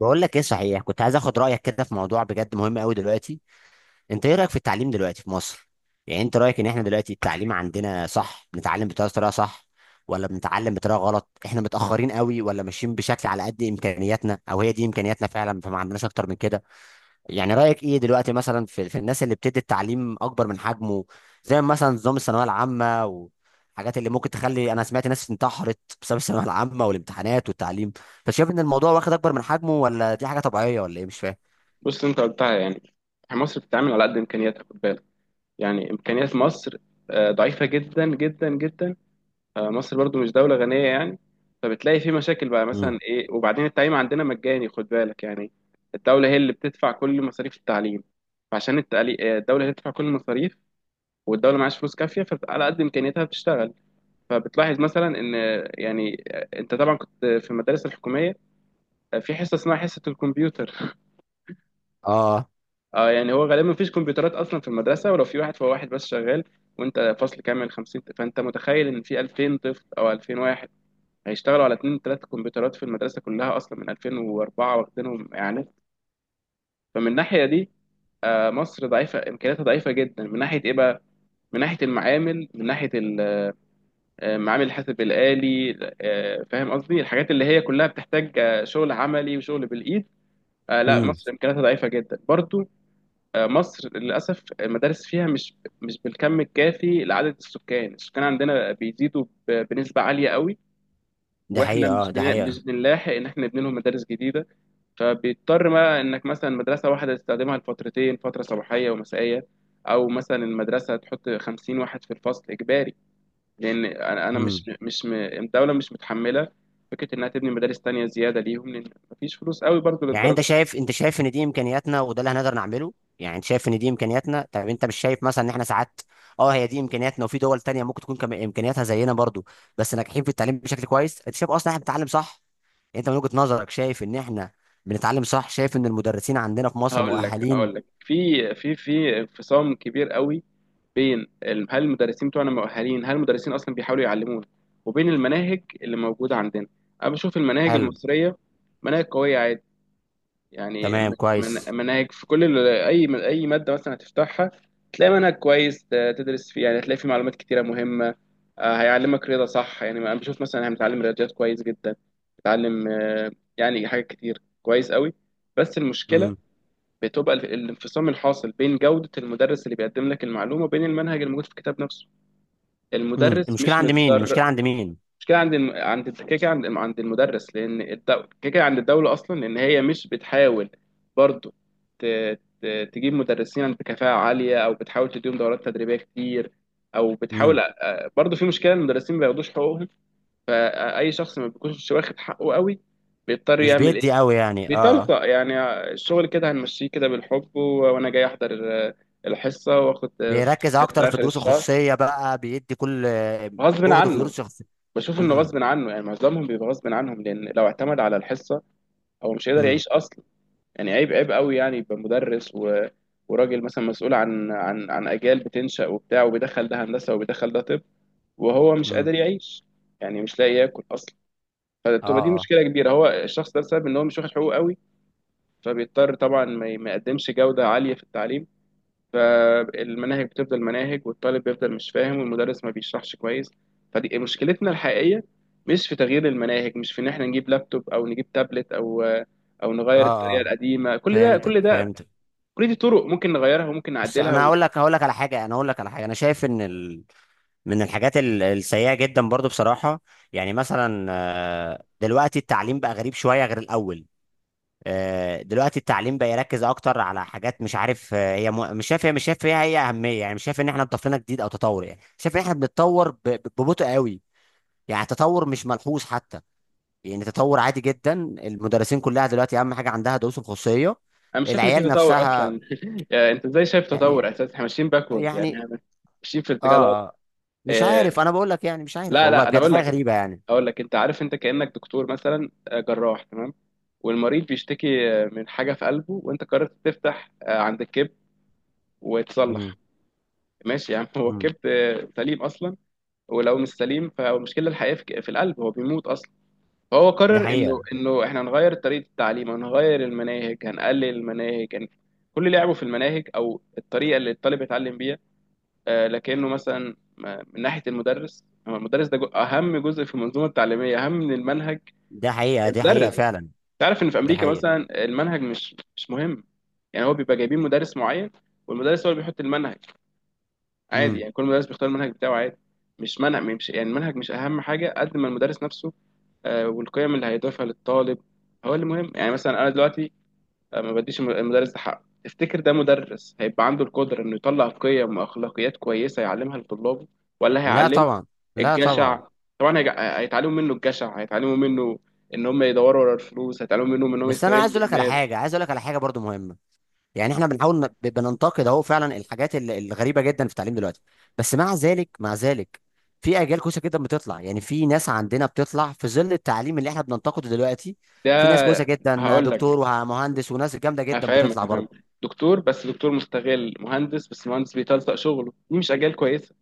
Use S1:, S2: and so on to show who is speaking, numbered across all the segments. S1: بقول لك ايه، صحيح كنت عايز اخد رايك كده في موضوع بجد مهم قوي دلوقتي. انت ايه رايك في التعليم دلوقتي في مصر؟ يعني انت رايك ان احنا دلوقتي التعليم عندنا صح، بنتعلم بطريقه صح؟ ولا بنتعلم بطريقه غلط؟ احنا متاخرين قوي ولا ماشيين بشكل على قد امكانياتنا، او هي دي امكانياتنا فعلا فما عندناش اكتر من كده؟ يعني رأيك ايه دلوقتي مثلا في الناس اللي بتدي التعليم اكبر من حجمه؟ زي مثلا نظام الثانوية العامة والحاجات اللي ممكن تخلي، انا سمعت ناس انتحرت بسبب الثانوية العامة والامتحانات والتعليم، فشايف ان الموضوع واخد اكبر من حجمه ولا دي حاجة طبيعية ولا ايه؟ مش فاهم.
S2: بص انت قلتها يعني. مصر بتتعامل على قد امكانياتها، خد بالك. يعني امكانيات مصر ضعيفه جدا جدا جدا. مصر برضو مش دوله غنيه يعني. فبتلاقي في مشاكل بقى، مثلا
S1: امم.
S2: ايه. وبعدين التعليم عندنا مجاني، خد بالك يعني. الدوله هي اللي بتدفع كل مصاريف التعليم. فعشان الدوله هي اللي بتدفع كل المصاريف. والدوله معهاش فلوس كافيه، فعلى قد امكانياتها بتشتغل. فبتلاحظ مثلا ان انت طبعا كنت في المدارس الحكوميه. في حصه اسمها حصه الكمبيوتر.
S1: اه.
S2: اه يعني هو غالبا مفيش كمبيوترات اصلا في المدرسه، ولو في واحد فهو واحد بس شغال. وانت فصل كامل 50. فانت متخيل ان في 2000 طفل او 2000 واحد هيشتغلوا على اتنين تلات كمبيوترات في المدرسه كلها؟ اصلا من 2004 واخدينهم اعلانات. فمن الناحيه دي، مصر ضعيفه، امكانياتها ضعيفه جدا. من ناحيه ايه بقى؟ من ناحيه المعامل، من ناحيه معامل الحاسب الالي. فاهم قصدي، الحاجات اللي هي كلها بتحتاج شغل عملي وشغل بالايد. لا،
S1: امم.
S2: مصر امكانياتها ضعيفه جدا برضو. مصر للأسف المدارس فيها مش بالكم الكافي لعدد السكان. السكان عندنا بيزيدوا بنسبة عالية قوي.
S1: دي
S2: واحنا
S1: حقيقة، اه دي حقيقة.
S2: مش بنلاحق ان احنا نبني لهم مدارس جديده. فبيضطر بقى انك مثلا مدرسه واحده تستخدمها لفترتين، فتره صباحيه ومسائيه. او مثلا المدرسه تحط 50 واحد في الفصل اجباري. لان انا أنا
S1: امم.
S2: مش مش م- الدوله مش متحمله فكره انها تبني مدارس تانية زياده ليهم، لان مفيش فلوس قوي برضو
S1: يعني انت
S2: للدرجه.
S1: شايف انت شايف ان دي امكانياتنا وده اللي هنقدر نعمله. يعني انت شايف ان دي امكانياتنا، طب انت مش شايف مثلا ان احنا ساعات؟ اه هي دي امكانياتنا، وفي دول تانية ممكن تكون كم امكانياتها زينا برضو بس ناجحين في التعليم بشكل كويس. انت شايف اصلا احنا بنتعلم صح؟ يعني انت من وجهة نظرك شايف ان احنا بنتعلم صح؟ شايف ان المدرسين عندنا في مصر
S2: هقول لك هقول
S1: مؤهلين؟
S2: لك في انفصام كبير قوي بين هل المدرسين بتوعنا مؤهلين، هل المدرسين اصلا بيحاولوا يعلمونا، وبين المناهج اللي موجوده عندنا. انا بشوف المناهج
S1: حلو.
S2: المصريه مناهج قويه عادي. يعني
S1: تمام، كويس.
S2: مناهج في كل اي ماده مثلا هتفتحها تلاقي منهج كويس تدرس فيه. يعني تلاقي فيه معلومات كتيره مهمه. هيعلمك رياضه صح. يعني انا بشوف مثلا هنتعلم رياضيات كويس جدا. بتعلم، يعني حاجات كتير كويس قوي. بس المشكله
S1: امم.
S2: بتبقى الانفصام الحاصل بين جودة المدرس اللي بيقدم لك المعلومة وبين المنهج الموجود في الكتاب نفسه.
S1: امم،
S2: المدرس
S1: المشكلة
S2: مش
S1: عند مين؟
S2: متدرب.
S1: المشكلة عند مين؟
S2: مش كده، عند الم... عند الد- كده كده عند المدرس، لأن كده كده عند الدولة أصلا، لأن هي مش بتحاول برضو ت... ت... تجيب مدرسين بكفاءة عالية، أو بتحاول تديهم دورات تدريبية كتير، أو
S1: امم.
S2: بتحاول. برضو في مشكلة، المدرسين ما بياخدوش حقوقهم. فأي شخص ما بيكونش واخد حقه قوي بيضطر
S1: مش
S2: يعمل،
S1: بيدي قوي يعني، اه.
S2: بيتلقى يعني الشغل كده هنمشيه كده بالحب، وانا جاي احضر آه، الحصه، واخد فلوس
S1: بيركز اكتر
S2: حتى
S1: في
S2: اخر
S1: الدروس
S2: الشهر.
S1: الخصوصية بقى، بيدي كل
S2: غصب
S1: جهده في
S2: عنه.
S1: دروس الخصوصية.
S2: بشوف انه
S1: امم.
S2: غصب عنه، يعني معظمهم بيبقى غصب عنهم، لان لو اعتمد على الحصه هو مش هيقدر
S1: امم.
S2: يعيش اصلا. يعني عيب عيب قوي، يعني يبقى مدرس وراجل مثلا مسؤول عن اجيال بتنشأ وبتاع، وبيدخل ده هندسه وبيدخل ده طب، وهو مش
S1: امم.
S2: قادر يعيش، يعني مش لاقي ياكل اصلا.
S1: اه.
S2: فبتبقى دي
S1: اه.
S2: مشكله كبيره. هو الشخص ده بسبب ان هو مش واخد حقوقه قوي فبيضطر طبعا ما يقدمش جودة عالية في التعليم. فالمناهج بتفضل مناهج، والطالب بيفضل مش فاهم، والمدرس ما بيشرحش كويس. فدي مشكلتنا الحقيقية، مش في تغيير المناهج، مش في ان احنا نجيب لابتوب او نجيب تابلت، او نغير
S1: اه.
S2: الطريقة
S1: اه،
S2: القديمة. كل ده كل
S1: فهمتك
S2: ده،
S1: فهمتك.
S2: كل دي طرق ممكن نغيرها وممكن
S1: بس
S2: نعدلها
S1: انا
S2: و...
S1: هقول لك على حاجه انا شايف ان من الحاجات السيئه جدا برضو بصراحه. يعني مثلا دلوقتي التعليم بقى غريب شويه غير الاول. دلوقتي التعليم بقى يركز اكتر على حاجات مش عارف. مش شايف، مش شايف فيها اهميه. يعني مش شايف ان احنا ضفنا جديد او تطور. يعني شايف ان احنا بنتطور ببطء قوي. يعني تطور مش ملحوظ حتى، يعني تطور عادي جدا. المدرسين كلها دلوقتي اهم حاجه عندها دروس الخصوصيه.
S2: انا مش شايف ان في
S1: العيال
S2: تطور
S1: نفسها
S2: اصلا. يعني انت ازاي شايف تطور؟
S1: يعني
S2: اساسا احنا ماشيين باكورد، يعني
S1: يعني
S2: إحنا ماشيين في
S1: اه.
S2: اتجاه غلط.
S1: آه. مش عارف،
S2: آه،
S1: انا بقول لك يعني، مش عارف
S2: لا،
S1: والله
S2: لا، انا
S1: بجد،
S2: اقول
S1: حاجه
S2: لك
S1: غريبه يعني.
S2: اقول لك انت عارف، انت كانك دكتور مثلا، جراح، تمام. والمريض بيشتكي من حاجه في قلبه، وانت قررت تفتح عند الكبد
S1: امم.
S2: وتصلح. ماشي يا عم. هو
S1: امم.
S2: الكبد سليم اصلا، ولو مش سليم فالمشكله الحقيقيه في القلب، هو بيموت اصلا. فهو
S1: دي
S2: قرر
S1: حقيقه،
S2: انه احنا هنغير طريقه التعليم، هنغير المناهج، هنقلل المناهج، كل لعبه في المناهج او الطريقه اللي الطالب يتعلم بيها. لكنه مثلا، من ناحية المدرس، هو المدرس ده أهم جزء في المنظومة التعليمية، أهم من المنهج.
S1: دي حقيقه. دي حقيقه
S2: المدرس،
S1: فعلا.
S2: تعرف إن في
S1: دي
S2: أمريكا
S1: حقيقه.
S2: مثلا المنهج مش مهم. يعني هو بيبقى جايبين مدرس معين، والمدرس هو اللي بيحط المنهج عادي.
S1: امم.
S2: يعني كل مدرس بيختار المنهج بتاعه عادي. مش منهج، مش يعني. المنهج مش أهم حاجة قد ما المدرس نفسه. والقيم اللي هيضيفها للطالب هو اللي مهم. يعني مثلا أنا دلوقتي ما بديش المدرس ده حقه. تفتكر ده مدرس هيبقى عنده القدرة إنه يطلع قيم وأخلاقيات كويسة يعلمها لطلابه، ولا
S1: لا
S2: هيعلمه
S1: طبعا، لا طبعا.
S2: الجشع؟ طبعا هيتعلموا منه الجشع، هيتعلموا منه ان هم يدوروا ورا الفلوس، هيتعلموا منهم ان هم
S1: بس انا عايز
S2: يستغلوا
S1: اقول لك على
S2: الناس،
S1: حاجه، عايز اقول لك على حاجه برضو مهمه. يعني احنا بنحاول بننتقد اهو فعلا الحاجات الغريبه جدا في التعليم دلوقتي، بس مع ذلك مع ذلك في اجيال كويسه جدا بتطلع. يعني في ناس عندنا بتطلع في ظل التعليم اللي احنا بننتقده دلوقتي،
S2: ده.
S1: في ناس كويسه جدا،
S2: هقول لك،
S1: دكتور ومهندس وناس جامده جدا
S2: هفهمك
S1: بتطلع
S2: هفهمك
S1: برضه.
S2: دكتور بس دكتور مستغل، مهندس بس مهندس بيتلصق شغله، دي مش اجيال كويسه.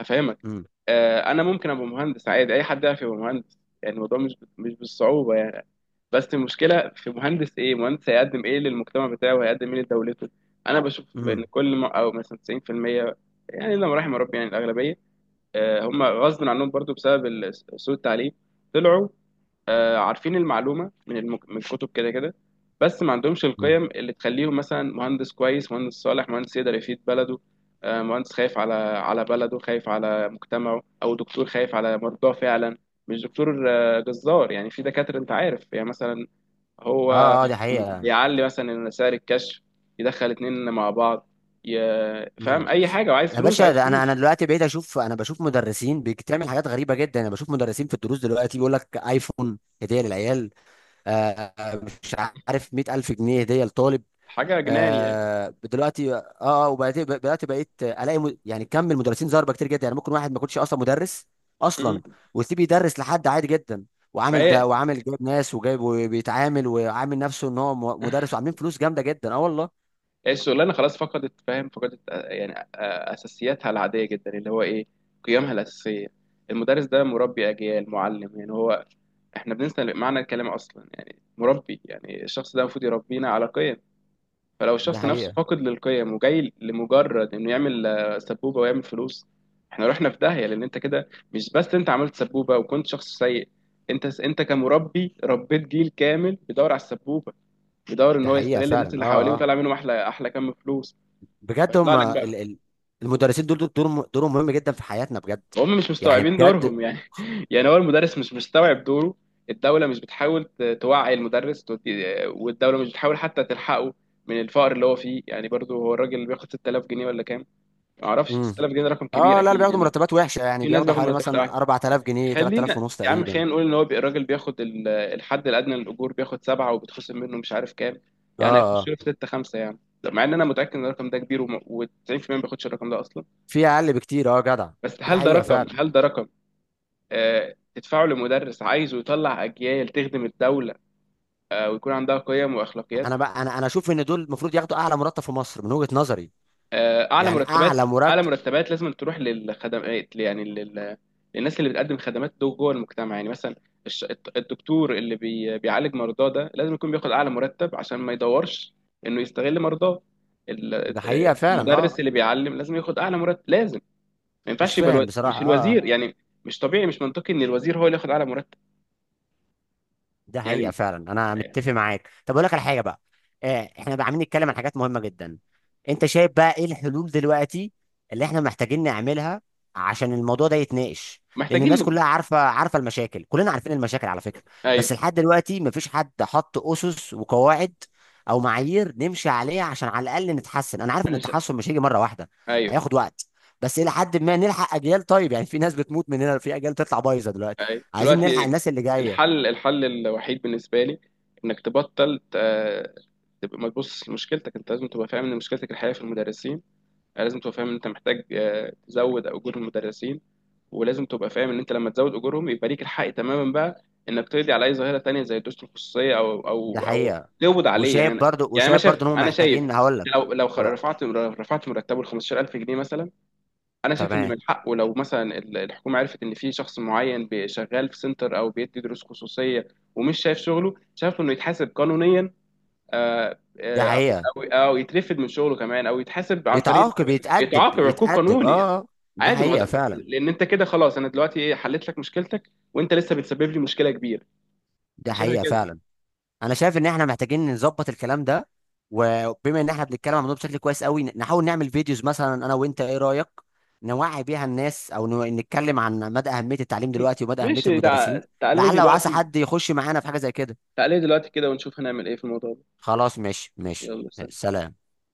S2: هفهمك.
S1: امم.
S2: انا ممكن ابقى مهندس عادي، اي حد يعرف يبقى مهندس. يعني الموضوع مش بالصعوبه يعني. بس المشكله في مهندس ايه، مهندس هيقدم ايه للمجتمع بتاعه وهيقدم ايه لدولته؟ انا بشوف ان
S1: امم.
S2: كل ما، او مثلا 90%، يعني لما رحم ربي يعني الاغلبيه، هم غصب عنهم برضو بسبب سوء التعليم. طلعوا عارفين المعلومة من الكتب كده كده، بس ما عندهمش
S1: امم.
S2: القيم اللي تخليهم مثلا مهندس كويس، مهندس صالح، مهندس يقدر يفيد بلده. مهندس خايف على بلده، خايف على مجتمعه، أو دكتور خايف على مرضاه فعلا. مش دكتور جزار. يعني في دكاترة أنت عارف، يعني مثلا هو
S1: اه. اه، دي حقيقه.
S2: بيعلي مثلا سعر الكشف، يدخل اتنين مع بعض، فاهم
S1: امم.
S2: أي حاجة، وعايز
S1: يا
S2: فلوس
S1: باشا،
S2: وعايز
S1: ده انا
S2: فلوس.
S1: دلوقتي بقيت اشوف، انا بشوف مدرسين بتعمل حاجات غريبه جدا. انا بشوف مدرسين في الدروس دلوقتي بيقول لك ايفون هديه للعيال. آه آه، مش عارف، 100,000 جنيه هديه لطالب.
S2: حاجة جنان
S1: دلوقتي وبدأت بدأت بقيت الاقي، يعني كم من المدرسين ضاربه كتير جدا. يعني ممكن واحد ما يكونش اصلا مدرس اصلا،
S2: يعني.
S1: ويسيب يدرس لحد عادي جدا.
S2: ما
S1: وعامل ده
S2: هي
S1: وعامل، جايب ناس وجايب وبيتعامل، وعامل نفسه ان هو مدرس، وعاملين فلوس جامده جدا، اه والله.
S2: الشغلانه خلاص فقدت، فاهم، فقدت اساسياتها العاديه جدا اللي هو ايه، قيمها الاساسيه. المدرس ده مربي اجيال، معلم يعني. هو احنا بننسى معنى الكلام اصلا، يعني مربي يعني الشخص ده المفروض يربينا على قيم. فلو
S1: دي
S2: الشخص نفسه
S1: حقيقه،
S2: فاقد للقيم وجاي لمجرد انه يعمل سبوبه ويعمل فلوس، احنا رحنا في داهيه، لان انت كده مش بس انت عملت سبوبه وكنت شخص سيء، انت، كمربي ربيت جيل كامل بيدور على السبوبه، بيدور ان
S1: دي
S2: هو
S1: حقيقه
S2: يستغل الناس
S1: فعلا.
S2: اللي حواليه
S1: اه. اه
S2: ويطلع منهم احلى احلى كم فلوس،
S1: بجد.
S2: فيطلع
S1: هم
S2: لك
S1: ال
S2: بقى.
S1: ال المدرسين دول دورهم مهم جدا في حياتنا بجد.
S2: هم مش
S1: يعني
S2: مستوعبين
S1: بجد.
S2: دورهم يعني. يعني هو المدرس مش مستوعب دوره. الدولة مش بتحاول توعي المدرس والدولة مش بتحاول حتى تلحقه من الفقر اللي هو فيه. يعني برضه هو الراجل اللي بياخد 6000 جنيه ولا كام، ما اعرفش.
S1: امم.
S2: 6000 جنيه ده رقم كبير
S1: اه، لا، اللي
S2: اكيد
S1: بياخدوا
S2: يعني.
S1: مرتبات وحشه يعني
S2: في ناس
S1: بياخدوا
S2: بياخد
S1: حوالي مثلا
S2: مرتبات.
S1: 4,000 جنيه، 3,000
S2: خلينا
S1: ونص
S2: يا عم،
S1: تقريبا.
S2: خلينا نقول ان هو الراجل بياخد الحد الادنى للاجور، بياخد سبعه وبيتخصم منه مش عارف كام، يعني هيخش
S1: اه،
S2: له في سته خمسه يعني. طب مع ان انا متاكد ان الرقم ده كبير، و90% ما بياخدش الرقم ده اصلا.
S1: في اقل بكتير، اه جدع.
S2: بس
S1: دي
S2: هل ده
S1: حقيقه
S2: رقم،
S1: فعلا.
S2: هل ده رقم تدفعه لمدرس عايزه يطلع اجيال تخدم الدوله ويكون عندها قيم واخلاقيات؟
S1: انا بقى، انا اشوف ان دول المفروض ياخدوا اعلى مرتب في مصر من وجهه نظري.
S2: اعلى
S1: يعني
S2: مرتبات.
S1: اعلى
S2: اعلى
S1: مرتب.
S2: مرتبات لازم تروح للخدمات، يعني للناس اللي بتقدم خدمات دول جوه المجتمع، يعني مثلا الدكتور اللي بيعالج مرضاه ده لازم يكون بياخد اعلى مرتب عشان ما يدورش انه يستغل مرضاه. ال-
S1: ده حقيقه فعلا، اه.
S2: المدرس اللي بيعلم لازم ياخد اعلى مرتب، لازم. ما
S1: مش
S2: ينفعش يبقى
S1: فاهم بصراحه،
S2: مش
S1: اه
S2: الوزير
S1: آه.
S2: يعني. مش طبيعي، مش منطقي ان الوزير هو اللي ياخد اعلى مرتب
S1: ده حقيقة
S2: يعني.
S1: فعلا، أنا متفق معاك. طب أقول لك على حاجة بقى. إحنا بقى عاملين نتكلم عن حاجات مهمة جدا، أنت شايف بقى إيه الحلول دلوقتي اللي إحنا محتاجين نعملها عشان الموضوع ده يتناقش؟ لأن
S2: محتاجين
S1: الناس
S2: نب-
S1: كلها عارفة المشاكل، كلنا عارفين المشاكل على فكرة،
S2: ايوه.
S1: بس لحد دلوقتي مفيش حد حط أسس وقواعد أو معايير نمشي عليها عشان على الأقل نتحسن. أنا عارف إن
S2: انا ش...
S1: التحسن مش هيجي مرة واحدة،
S2: ايوه.
S1: هياخد وقت، بس إلى حد ما نلحق أجيال. طيب يعني في ناس بتموت مننا، في أجيال تطلع بايظة دلوقتي،
S2: أيوة.
S1: عايزين نلحق
S2: دلوقتي
S1: الناس اللي جاية.
S2: الحل الوحيد بالنسبه لي انك تبطل، تبقى ما تبص لمشكلتك انت، لازم تبقى فاهم ان مشكلتك الحقيقيه في المدرسين. يعني لازم تبقى فاهم ان انت محتاج تزود اجور المدرسين، ولازم تبقى فاهم ان انت لما تزود اجورهم يبقى ليك الحق تماما بقى انك تقضي على اي ظاهره تانية زي الدروس الخصوصيه او
S1: ده
S2: او او
S1: حقيقة.
S2: تقبض عليه
S1: وشايف
S2: يعني.
S1: برضو
S2: انا
S1: وشايف برضو
S2: شايف
S1: ان هم
S2: انا شايف
S1: محتاجين، هقول لك.
S2: لو
S1: هو-
S2: رفعت مرتبه ل 15000 جنيه مثلا، انا شايف ان
S1: تمام.
S2: من حقه لو مثلا الحكومه عرفت ان في شخص معين شغال في سنتر او بيدي دروس خصوصيه ومش شايف شغله، شايف انه يتحاسب قانونيا، آه،
S1: ده
S2: آه، او
S1: حقيقة.
S2: او يترفد من شغله كمان، او يتحاسب عن طريق
S1: يتعاقب،
S2: إنه
S1: يتأدب
S2: يتعاقب عقوب
S1: يتأدب
S2: قانوني.
S1: اه آه. ده
S2: عادي، ما هو
S1: حقيقة
S2: ده.
S1: فعلا.
S2: لان انت كده خلاص، انا دلوقتي ايه، حليت لك مشكلتك وانت لسه بتسبب لي مشكله كبيره.
S1: ده
S2: أنا شايفها
S1: حقيقة
S2: كده.
S1: فعلا، انا شايف ان احنا محتاجين نظبط الكلام ده. وبما ان احنا بنتكلم عن الموضوع بشكل كويس قوي، نحاول نعمل فيديوز مثلا انا وانت، ايه رأيك؟ نوعي بيها الناس، او نتكلم عن مدى أهمية التعليم
S2: م-
S1: دلوقتي ومدى أهمية
S2: ماشي.
S1: المدرسين.
S2: تعالى لي
S1: لعل وعسى
S2: دلوقتي،
S1: حد يخش معانا في حاجة زي كده.
S2: تعالى لي دلوقتي كده ونشوف هنعمل ايه في الموضوع ده.
S1: خلاص، ماشي ماشي.
S2: يلا، سلام.
S1: سلام.